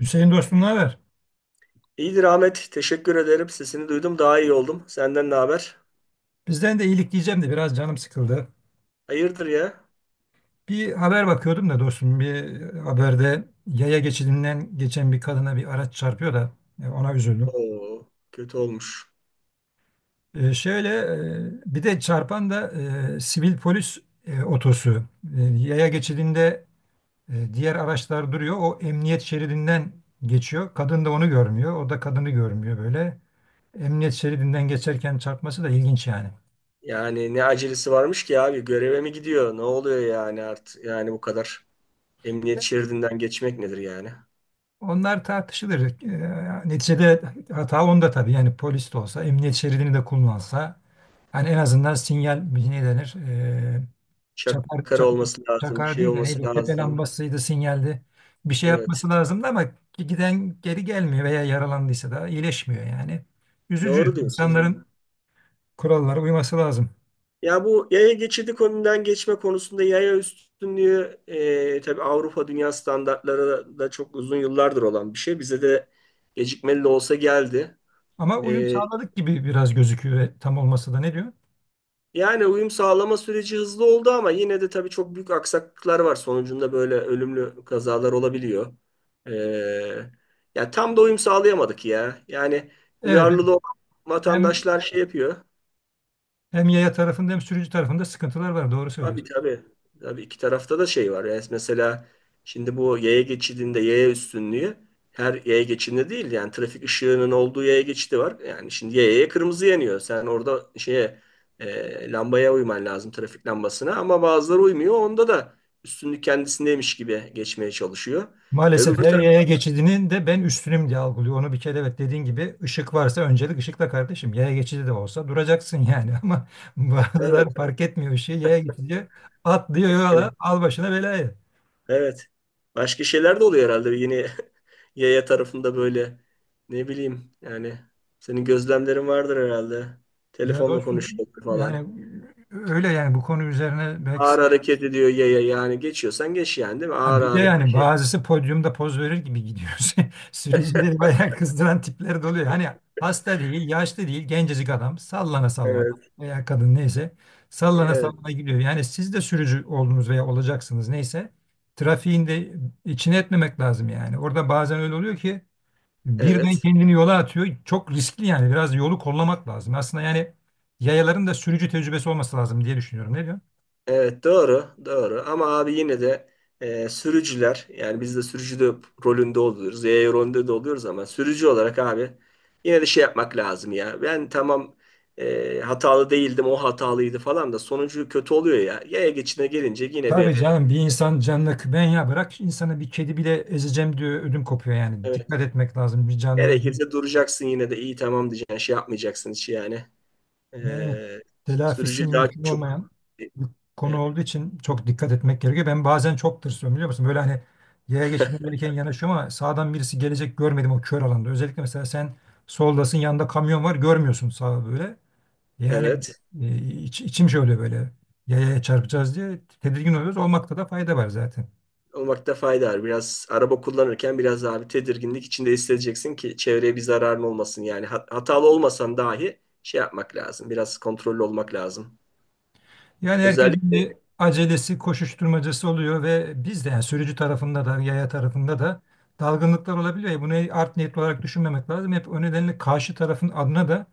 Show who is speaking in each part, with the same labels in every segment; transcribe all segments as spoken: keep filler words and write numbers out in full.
Speaker 1: Hüseyin dostum ne haber?
Speaker 2: İyidir Ahmet. Teşekkür ederim. Sesini duydum. Daha iyi oldum. Senden ne haber?
Speaker 1: Bizden de iyilik diyeceğim de biraz canım sıkıldı.
Speaker 2: Hayırdır ya?
Speaker 1: Bir haber bakıyordum da dostum bir haberde yaya geçidinden geçen bir kadına bir araç çarpıyor da e, ona üzüldüm.
Speaker 2: Oo, kötü olmuş.
Speaker 1: E, şöyle e, bir de çarpan da e, sivil polis e, otosu. E, yaya geçidinde e, diğer araçlar duruyor. O emniyet şeridinden geçiyor. Kadın da onu görmüyor. O da kadını görmüyor böyle. Emniyet şeridinden geçerken çarpması da ilginç yani.
Speaker 2: Yani ne acelesi varmış ki abi? Göreve mi gidiyor? Ne oluyor yani artık? Yani bu kadar emniyet şeridinden geçmek nedir yani?
Speaker 1: Onlar tartışılır. Ee, neticede hata onda tabii. Yani polis de olsa, emniyet şeridini de kullansa. Hani en azından sinyal ne denir? Ee, çakar,
Speaker 2: Şakara
Speaker 1: çakar,
Speaker 2: olması lazım. Bir
Speaker 1: çakar
Speaker 2: şey
Speaker 1: değil de neydi
Speaker 2: olması
Speaker 1: o? Tepe
Speaker 2: lazım.
Speaker 1: lambasıydı, sinyaldi. Bir şey
Speaker 2: Evet.
Speaker 1: yapması lazımdı ama giden geri gelmiyor veya yaralandıysa da iyileşmiyor yani.
Speaker 2: Doğru
Speaker 1: Üzücü.
Speaker 2: diyorsun. ha.
Speaker 1: İnsanların kurallara uyması lazım.
Speaker 2: Ya bu yaya geçidi konudan geçme konusunda yaya üstünlüğü e, tabii Avrupa dünya standartları da çok uzun yıllardır olan bir şey. Bize de gecikmeli de olsa geldi.
Speaker 1: Ama uyum
Speaker 2: Ee,
Speaker 1: sağladık gibi biraz gözüküyor ve tam olması da ne diyor?
Speaker 2: Yani uyum sağlama süreci hızlı oldu ama yine de tabii çok büyük aksaklıklar var. Sonucunda böyle ölümlü kazalar olabiliyor. Ee, Ya tam da uyum sağlayamadık ya. Yani
Speaker 1: Evet, evet.
Speaker 2: duyarlılığı olan
Speaker 1: Hem,
Speaker 2: vatandaşlar şey yapıyor.
Speaker 1: hem yaya tarafında hem sürücü tarafında sıkıntılar var. Doğru
Speaker 2: Tabii
Speaker 1: söylüyorsun.
Speaker 2: tabii. Tabii iki tarafta da şey var. Yani mesela şimdi bu yaya geçidinde yaya üstünlüğü her yaya geçidinde değil, yani trafik ışığının olduğu yaya geçidi var. Yani şimdi yayaya kırmızı yanıyor. Sen orada şeye e, lambaya uyman lazım, trafik lambasına, ama bazıları uymuyor. Onda da üstünlük kendisindeymiş gibi geçmeye çalışıyor.
Speaker 1: Maalesef
Speaker 2: Öbür
Speaker 1: her
Speaker 2: taraf
Speaker 1: yaya geçidinin de ben üstünüm diye algılıyor. Onu bir kere evet dediğin gibi ışık varsa öncelik ışıkla kardeşim. Yaya geçidi de olsa duracaksın yani ama bazıları
Speaker 2: evet.
Speaker 1: fark etmiyor ışığı. Yaya geçidi atlıyor yola
Speaker 2: Yani
Speaker 1: al başına belayı.
Speaker 2: evet. Başka şeyler de oluyor herhalde. Yine yaya tarafında böyle ne bileyim yani, senin gözlemlerin vardır herhalde.
Speaker 1: Ya
Speaker 2: Telefonla
Speaker 1: dostum
Speaker 2: konuşuyor falan.
Speaker 1: yani öyle yani bu konu üzerine belki.
Speaker 2: Ağır hareket ediyor yaya, yani geçiyorsan geç, yani değil mi?
Speaker 1: Ha
Speaker 2: Ağır
Speaker 1: bir de
Speaker 2: ağır
Speaker 1: yani
Speaker 2: şey.
Speaker 1: bazısı podyumda poz verir gibi gidiyor. Sürücüleri bayağı kızdıran tipler de oluyor. Hani hasta değil, yaşlı değil, gencecik adam sallana sallana
Speaker 2: Evet.
Speaker 1: veya kadın neyse sallana
Speaker 2: Evet.
Speaker 1: sallana gidiyor. Yani siz de sürücü oldunuz veya olacaksınız neyse trafiğin de içine etmemek lazım yani. Orada bazen öyle oluyor ki birden
Speaker 2: Evet.
Speaker 1: kendini yola atıyor. Çok riskli yani biraz yolu kollamak lazım. Aslında yani yayaların da sürücü tecrübesi olması lazım diye düşünüyorum. Ne diyorsun?
Speaker 2: Evet, doğru doğru, ama abi yine de e, sürücüler, yani biz de sürücü de rolünde oluyoruz. Yaya rolünde de oluyoruz, ama sürücü olarak abi yine de şey yapmak lazım ya. Ben tamam, e, hatalı değildim, o hatalıydı falan, da sonucu kötü oluyor ya. Yaya geçidine gelince yine
Speaker 1: Tabii
Speaker 2: bir
Speaker 1: canım bir insan canına ben ya bırak insanı bir kedi bile ezeceğim diyor ödüm kopuyor yani.
Speaker 2: evet,
Speaker 1: Dikkat etmek lazım bir canlıya.
Speaker 2: gerekirse duracaksın, yine de iyi tamam diyeceksin, şey yapmayacaksın hiç yani. E,
Speaker 1: Ne- Evet, telafisi
Speaker 2: Sürücü daha
Speaker 1: mümkün
Speaker 2: çok.
Speaker 1: olmayan bir konu
Speaker 2: Evet.
Speaker 1: olduğu için çok dikkat etmek gerekiyor. Ben bazen çok tırsıyorum biliyor musun? Böyle hani yaya geçidine gelirken yanaşıyorum ama sağdan birisi gelecek görmedim o kör alanda. Özellikle mesela sen soldasın yanında kamyon var görmüyorsun sağa böyle. Yani
Speaker 2: Evet.
Speaker 1: e, iç- içim şöyle böyle yayaya çarpacağız diye tedirgin oluyoruz. Olmakta da fayda var zaten.
Speaker 2: Olmakta fayda var. Biraz araba kullanırken biraz daha bir tedirginlik içinde hissedeceksin ki çevreye bir zararın olmasın. Yani hat- hatalı olmasan dahi şey yapmak lazım. Biraz kontrollü olmak lazım.
Speaker 1: Yani herkesin
Speaker 2: Özellikle
Speaker 1: bir acelesi, koşuşturmacası oluyor ve biz de yani sürücü tarafında da, yaya tarafında da dalgınlıklar olabiliyor. Ya, bunu art niyetli olarak düşünmemek lazım. Hep o nedenle karşı tarafın adına da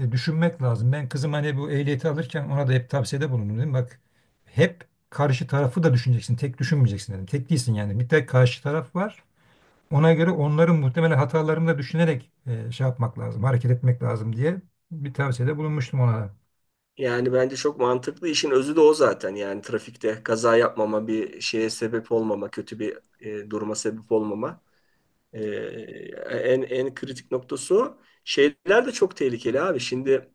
Speaker 1: e, düşünmek lazım. Ben kızım hani bu ehliyeti alırken ona da hep tavsiyede bulundum dedim. Bak hep karşı tarafı da düşüneceksin. Tek düşünmeyeceksin dedim. Tek değilsin yani. Bir tek karşı taraf var. Ona göre onların muhtemelen hatalarını da düşünerek e, şey yapmak lazım, hareket etmek lazım diye bir tavsiyede bulunmuştum ona.
Speaker 2: yani bence çok mantıklı. İşin özü de o zaten. Yani trafikte kaza yapmama, bir şeye sebep olmama, kötü bir e, duruma sebep olmama. E, en en kritik noktası o. Şeyler de çok tehlikeli abi. Şimdi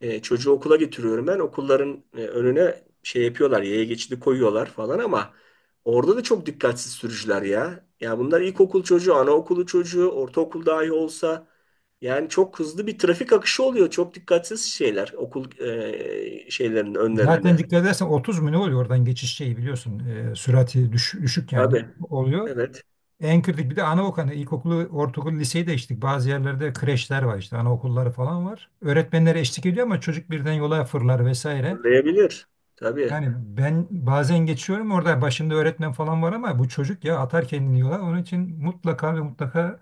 Speaker 2: E, çocuğu okula getiriyorum ben. Okulların e, önüne şey yapıyorlar, yaya geçidi koyuyorlar falan, ama orada da çok dikkatsiz sürücüler ya. Ya bunlar ilkokul çocuğu, anaokulu çocuğu, ortaokul dahi olsa yani çok hızlı bir trafik akışı oluyor. Çok dikkatsiz şeyler okul e, şeylerinin
Speaker 1: Zaten
Speaker 2: önlerinde.
Speaker 1: dikkat edersen otuz mu ne oluyor oradan geçiş şeyi biliyorsun. E, sürati düş- düşük yani
Speaker 2: Tabii,
Speaker 1: oluyor.
Speaker 2: evet.
Speaker 1: En kritik bir de anaokulu, ilkokulu, ortaokulu, liseyi de geçtik. Bazı yerlerde kreşler var işte anaokulları falan var. Öğretmenlere eşlik ediyor ama çocuk birden yola fırlar vesaire.
Speaker 2: Fırlayabilir. Tabii.
Speaker 1: Yani ben bazen geçiyorum orada başında öğretmen falan var ama bu çocuk ya atar kendini yola. Onun için mutlaka ve mutlaka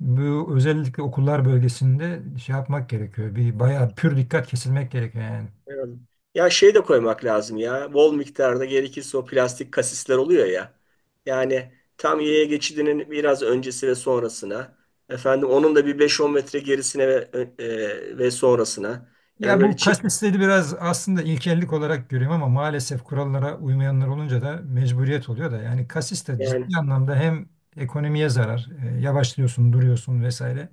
Speaker 1: bu özellikle okullar bölgesinde şey yapmak gerekiyor. Bir bayağı pür dikkat kesilmek gerekiyor yani.
Speaker 2: Evet. Ya şey de koymak lazım ya. Bol miktarda gerekirse o plastik kasisler oluyor ya. Yani tam yaya geçidinin biraz öncesi ve sonrasına. Efendim onun da bir beş on metre gerisine ve, e, e, ve sonrasına. Yani
Speaker 1: Ya
Speaker 2: böyle
Speaker 1: bu
Speaker 2: çift
Speaker 1: kasvetleri biraz aslında ilkellik olarak görüyorum ama maalesef kurallara uymayanlar olunca da mecburiyet oluyor da yani kasis de
Speaker 2: yani
Speaker 1: ciddi anlamda hem ekonomiye zarar, e, yavaşlıyorsun, duruyorsun vesaire.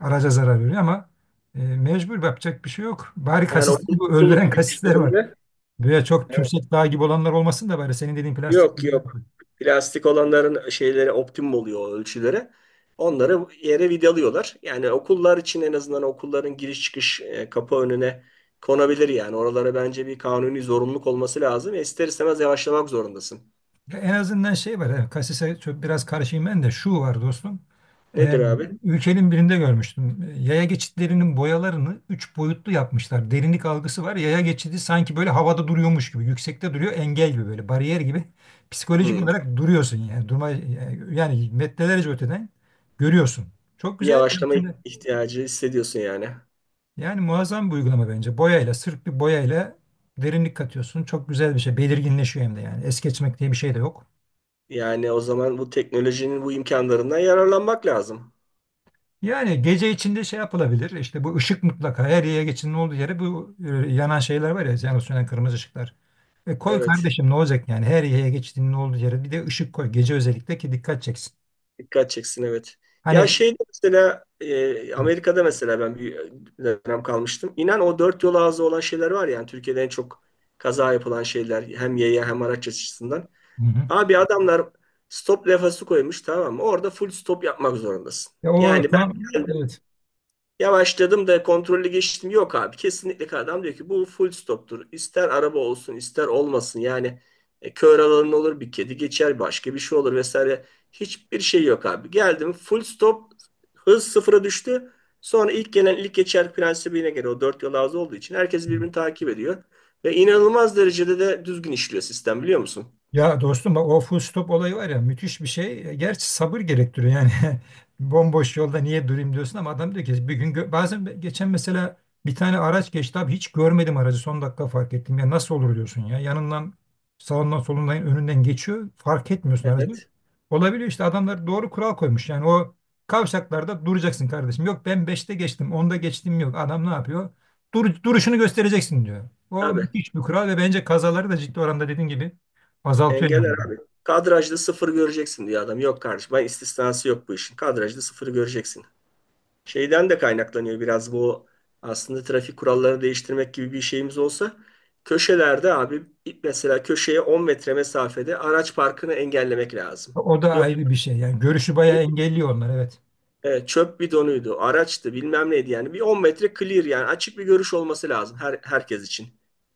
Speaker 1: Araca zarar veriyor ama e, mecbur yapacak bir şey yok. Bari
Speaker 2: yani okul,
Speaker 1: kasisleri bu öldüren
Speaker 2: okul
Speaker 1: kasisler var.
Speaker 2: girişlerinde.
Speaker 1: Böyle çok tümsek dağ gibi olanlar olmasın da bari senin dediğin plastik.
Speaker 2: Yok yok. Plastik olanların şeyleri optimum oluyor, o ölçüleri. Onları yere vidalıyorlar. Yani okullar için en azından okulların giriş çıkış e, kapı önüne konabilir yani. Oralara bence bir kanuni zorunluluk olması lazım ve ister istemez yavaşlamak zorundasın.
Speaker 1: Ya en azından şey var. Yani kasise çok biraz karşıyım ben de şu var dostum. Ee,
Speaker 2: Nedir abi?
Speaker 1: ülkenin birinde görmüştüm. Ee, Yaya geçitlerinin boyalarını üç boyutlu yapmışlar. Derinlik algısı var. Yaya geçidi sanki böyle havada duruyormuş gibi. Yüksekte duruyor. Engel gibi böyle. Bariyer gibi. Psikolojik
Speaker 2: Hmm.
Speaker 1: olarak duruyorsun yani. Durma, yani metrelerce öteden görüyorsun. Çok
Speaker 2: Bir
Speaker 1: güzel.
Speaker 2: yavaşlama ihtiyacı hissediyorsun yani.
Speaker 1: Yani muazzam bir uygulama bence. Boyayla, sırf bir boyayla derinlik katıyorsun. Çok güzel bir şey. Belirginleşiyor hem de yani. Es geçmek diye bir şey de yok.
Speaker 2: Yani o zaman bu teknolojinin bu imkanlarından yararlanmak lazım.
Speaker 1: Yani gece içinde şey yapılabilir. İşte bu ışık mutlaka her yere geçin ne olduğu yere bu e, yanan şeyler var ya yanıp sönen kırmızı ışıklar. E koy
Speaker 2: Evet.
Speaker 1: kardeşim ne olacak yani her yere geçtiğinin ne olduğu yere bir de ışık koy gece özellikle ki dikkat çeksin.
Speaker 2: Dikkat çeksin, evet. Ya
Speaker 1: Hani.
Speaker 2: şeyde mesela e,
Speaker 1: Hı
Speaker 2: Amerika'da mesela ben bir dönem kalmıştım. İnan o dört yol ağzı olan şeyler var ya, yani Türkiye'de en çok kaza yapılan şeyler, hem yaya hem araç açısından.
Speaker 1: hı.
Speaker 2: Abi adamlar stop levhası koymuş, tamam mı? Orada full stop yapmak zorundasın.
Speaker 1: Ya o
Speaker 2: Yani ben
Speaker 1: tam evet.
Speaker 2: yavaşladım da kontrollü geçtim. Yok abi, kesinlikle adam diyor ki bu full stoptur. İster araba olsun ister olmasın. Yani e, kör alanın olur, bir kedi geçer, başka bir şey olur vesaire. Hiçbir şey yok abi. Geldim, full stop, hız sıfıra düştü. Sonra ilk gelen ilk geçer prensibine göre, o dört yol ağzı olduğu için herkes birbirini takip ediyor. Ve inanılmaz derecede de düzgün işliyor sistem, biliyor musun?
Speaker 1: Ya dostum bak o full stop olayı var ya müthiş bir şey. E, gerçi sabır gerektiriyor yani. Bomboş yolda niye durayım diyorsun ama adam diyor ki bir gün gö- bazen be- geçen mesela bir tane araç geçti abi hiç görmedim aracı son dakika fark ettim. Ya nasıl olur diyorsun ya yanından sağından solundan önünden geçiyor fark etmiyorsun aracı.
Speaker 2: Evet.
Speaker 1: Olabiliyor işte adamlar doğru kural koymuş yani o kavşaklarda duracaksın kardeşim. Yok ben beşte geçtim onda geçtim yok adam ne yapıyor? Dur, duruşunu göstereceksin diyor. O
Speaker 2: Tabii.
Speaker 1: müthiş bir kural ve bence kazaları da ciddi oranda dediğin gibi azaltıyor
Speaker 2: Engeller
Speaker 1: yani.
Speaker 2: abi. Kadrajda sıfır göreceksin diyor adam. Yok kardeşim. Ben, istisnası yok bu işin. Kadrajda sıfır göreceksin. Şeyden de kaynaklanıyor biraz bu, aslında trafik kurallarını değiştirmek gibi bir şeyimiz olsa, köşelerde abi, mesela köşeye on metre mesafede araç parkını engellemek lazım.
Speaker 1: O da
Speaker 2: Yok
Speaker 1: ayrı bir şey. Yani görüşü bayağı engelliyor onlar evet.
Speaker 2: e, çöp bidonuydu, araçtı, bilmem neydi, yani bir on metre clear, yani açık bir görüş olması lazım her, herkes için.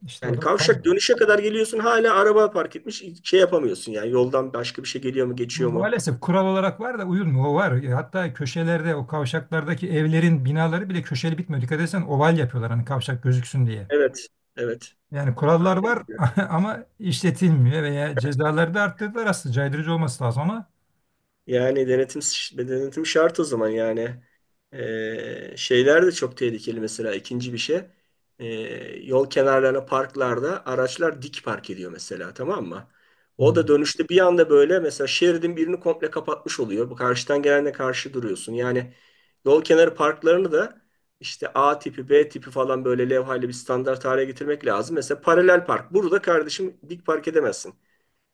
Speaker 1: İşte o
Speaker 2: Yani
Speaker 1: da
Speaker 2: kavşak
Speaker 1: kaldı.
Speaker 2: dönüşe kadar geliyorsun, hala araba park etmiş, şey yapamıyorsun, yani yoldan başka bir şey geliyor mu, geçiyor mu?
Speaker 1: Maalesef kural olarak var da uyulmuyor. O var. E, hatta köşelerde o kavşaklardaki evlerin binaları bile köşeli bitmiyor. Dikkat etsen oval yapıyorlar hani kavşak gözüksün diye.
Speaker 2: Evet, evet.
Speaker 1: Yani kurallar var
Speaker 2: Aynen.
Speaker 1: ama işletilmiyor veya cezaları da arttırdılar aslında caydırıcı olması lazım ama.
Speaker 2: Yani denetim, denetim şart o zaman yani. Ee, şeyler de çok tehlikeli mesela, ikinci bir şey. Ee, Yol kenarlarına, parklarda araçlar dik park ediyor mesela, tamam mı? O da
Speaker 1: Hmm.
Speaker 2: dönüşte bir anda böyle mesela şeridin birini komple kapatmış oluyor. Bu karşıdan gelenle karşı duruyorsun. Yani yol kenarı parklarını da işte A tipi, B tipi falan böyle levhayla bir standart hale getirmek lazım. Mesela paralel park. Burada kardeşim dik park edemezsin.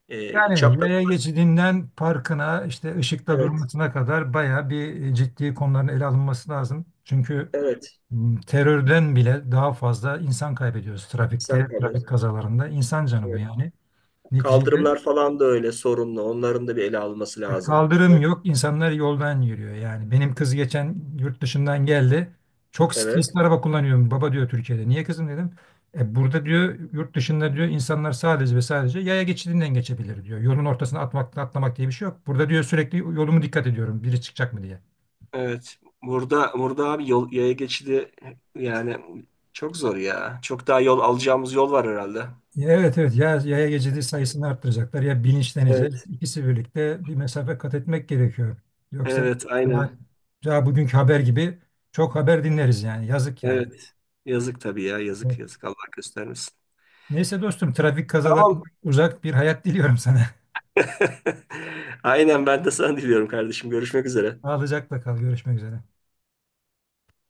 Speaker 2: Ee,
Speaker 1: Yani
Speaker 2: çapraz.
Speaker 1: yaya geçidinden parkına işte ışıkta
Speaker 2: Evet,
Speaker 1: durmasına kadar bayağı bir e, ciddi konuların ele alınması lazım. Çünkü
Speaker 2: evet.
Speaker 1: m, terörden bile daha fazla insan kaybediyoruz
Speaker 2: Sen
Speaker 1: trafikte,
Speaker 2: kalıyorsun.
Speaker 1: trafik kazalarında. İnsan canı bu yani. Neticede
Speaker 2: Kaldırımlar falan da öyle sorunlu. Onların da bir ele alınması
Speaker 1: e,
Speaker 2: lazım.
Speaker 1: kaldırım
Speaker 2: Evet.
Speaker 1: yok, insanlar yoldan yürüyor. Yani benim kız geçen yurt dışından geldi. Çok
Speaker 2: Evet.
Speaker 1: stresli araba kullanıyorum. Baba diyor Türkiye'de. Niye kızım dedim. E burada diyor yurt dışında diyor insanlar sadece ve sadece yaya geçidinden geçebilir diyor. Yolun ortasına atmak, atlamak diye bir şey yok. Burada diyor sürekli yolumu dikkat ediyorum. Biri çıkacak mı diye.
Speaker 2: Evet. Burada, burada abi yol, yaya geçidi yani çok zor ya. Çok daha yol alacağımız yol var herhalde.
Speaker 1: Evet evet ya yaya geçidi sayısını arttıracaklar ya bilinçleneceğiz.
Speaker 2: Evet.
Speaker 1: İkisi birlikte bir mesafe kat etmek gerekiyor. Yoksa
Speaker 2: Evet,
Speaker 1: daha,
Speaker 2: aynen.
Speaker 1: daha bugünkü haber gibi çok haber dinleriz yani yazık yani.
Speaker 2: Evet. Yazık tabii ya. Yazık
Speaker 1: Evet.
Speaker 2: yazık. Allah göstermesin.
Speaker 1: Neyse dostum trafik
Speaker 2: Tamam.
Speaker 1: kazalarından uzak bir hayat diliyorum sana.
Speaker 2: Aynen, ben de sana diliyorum kardeşim. Görüşmek üzere.
Speaker 1: Sağlıcakla kal görüşmek üzere.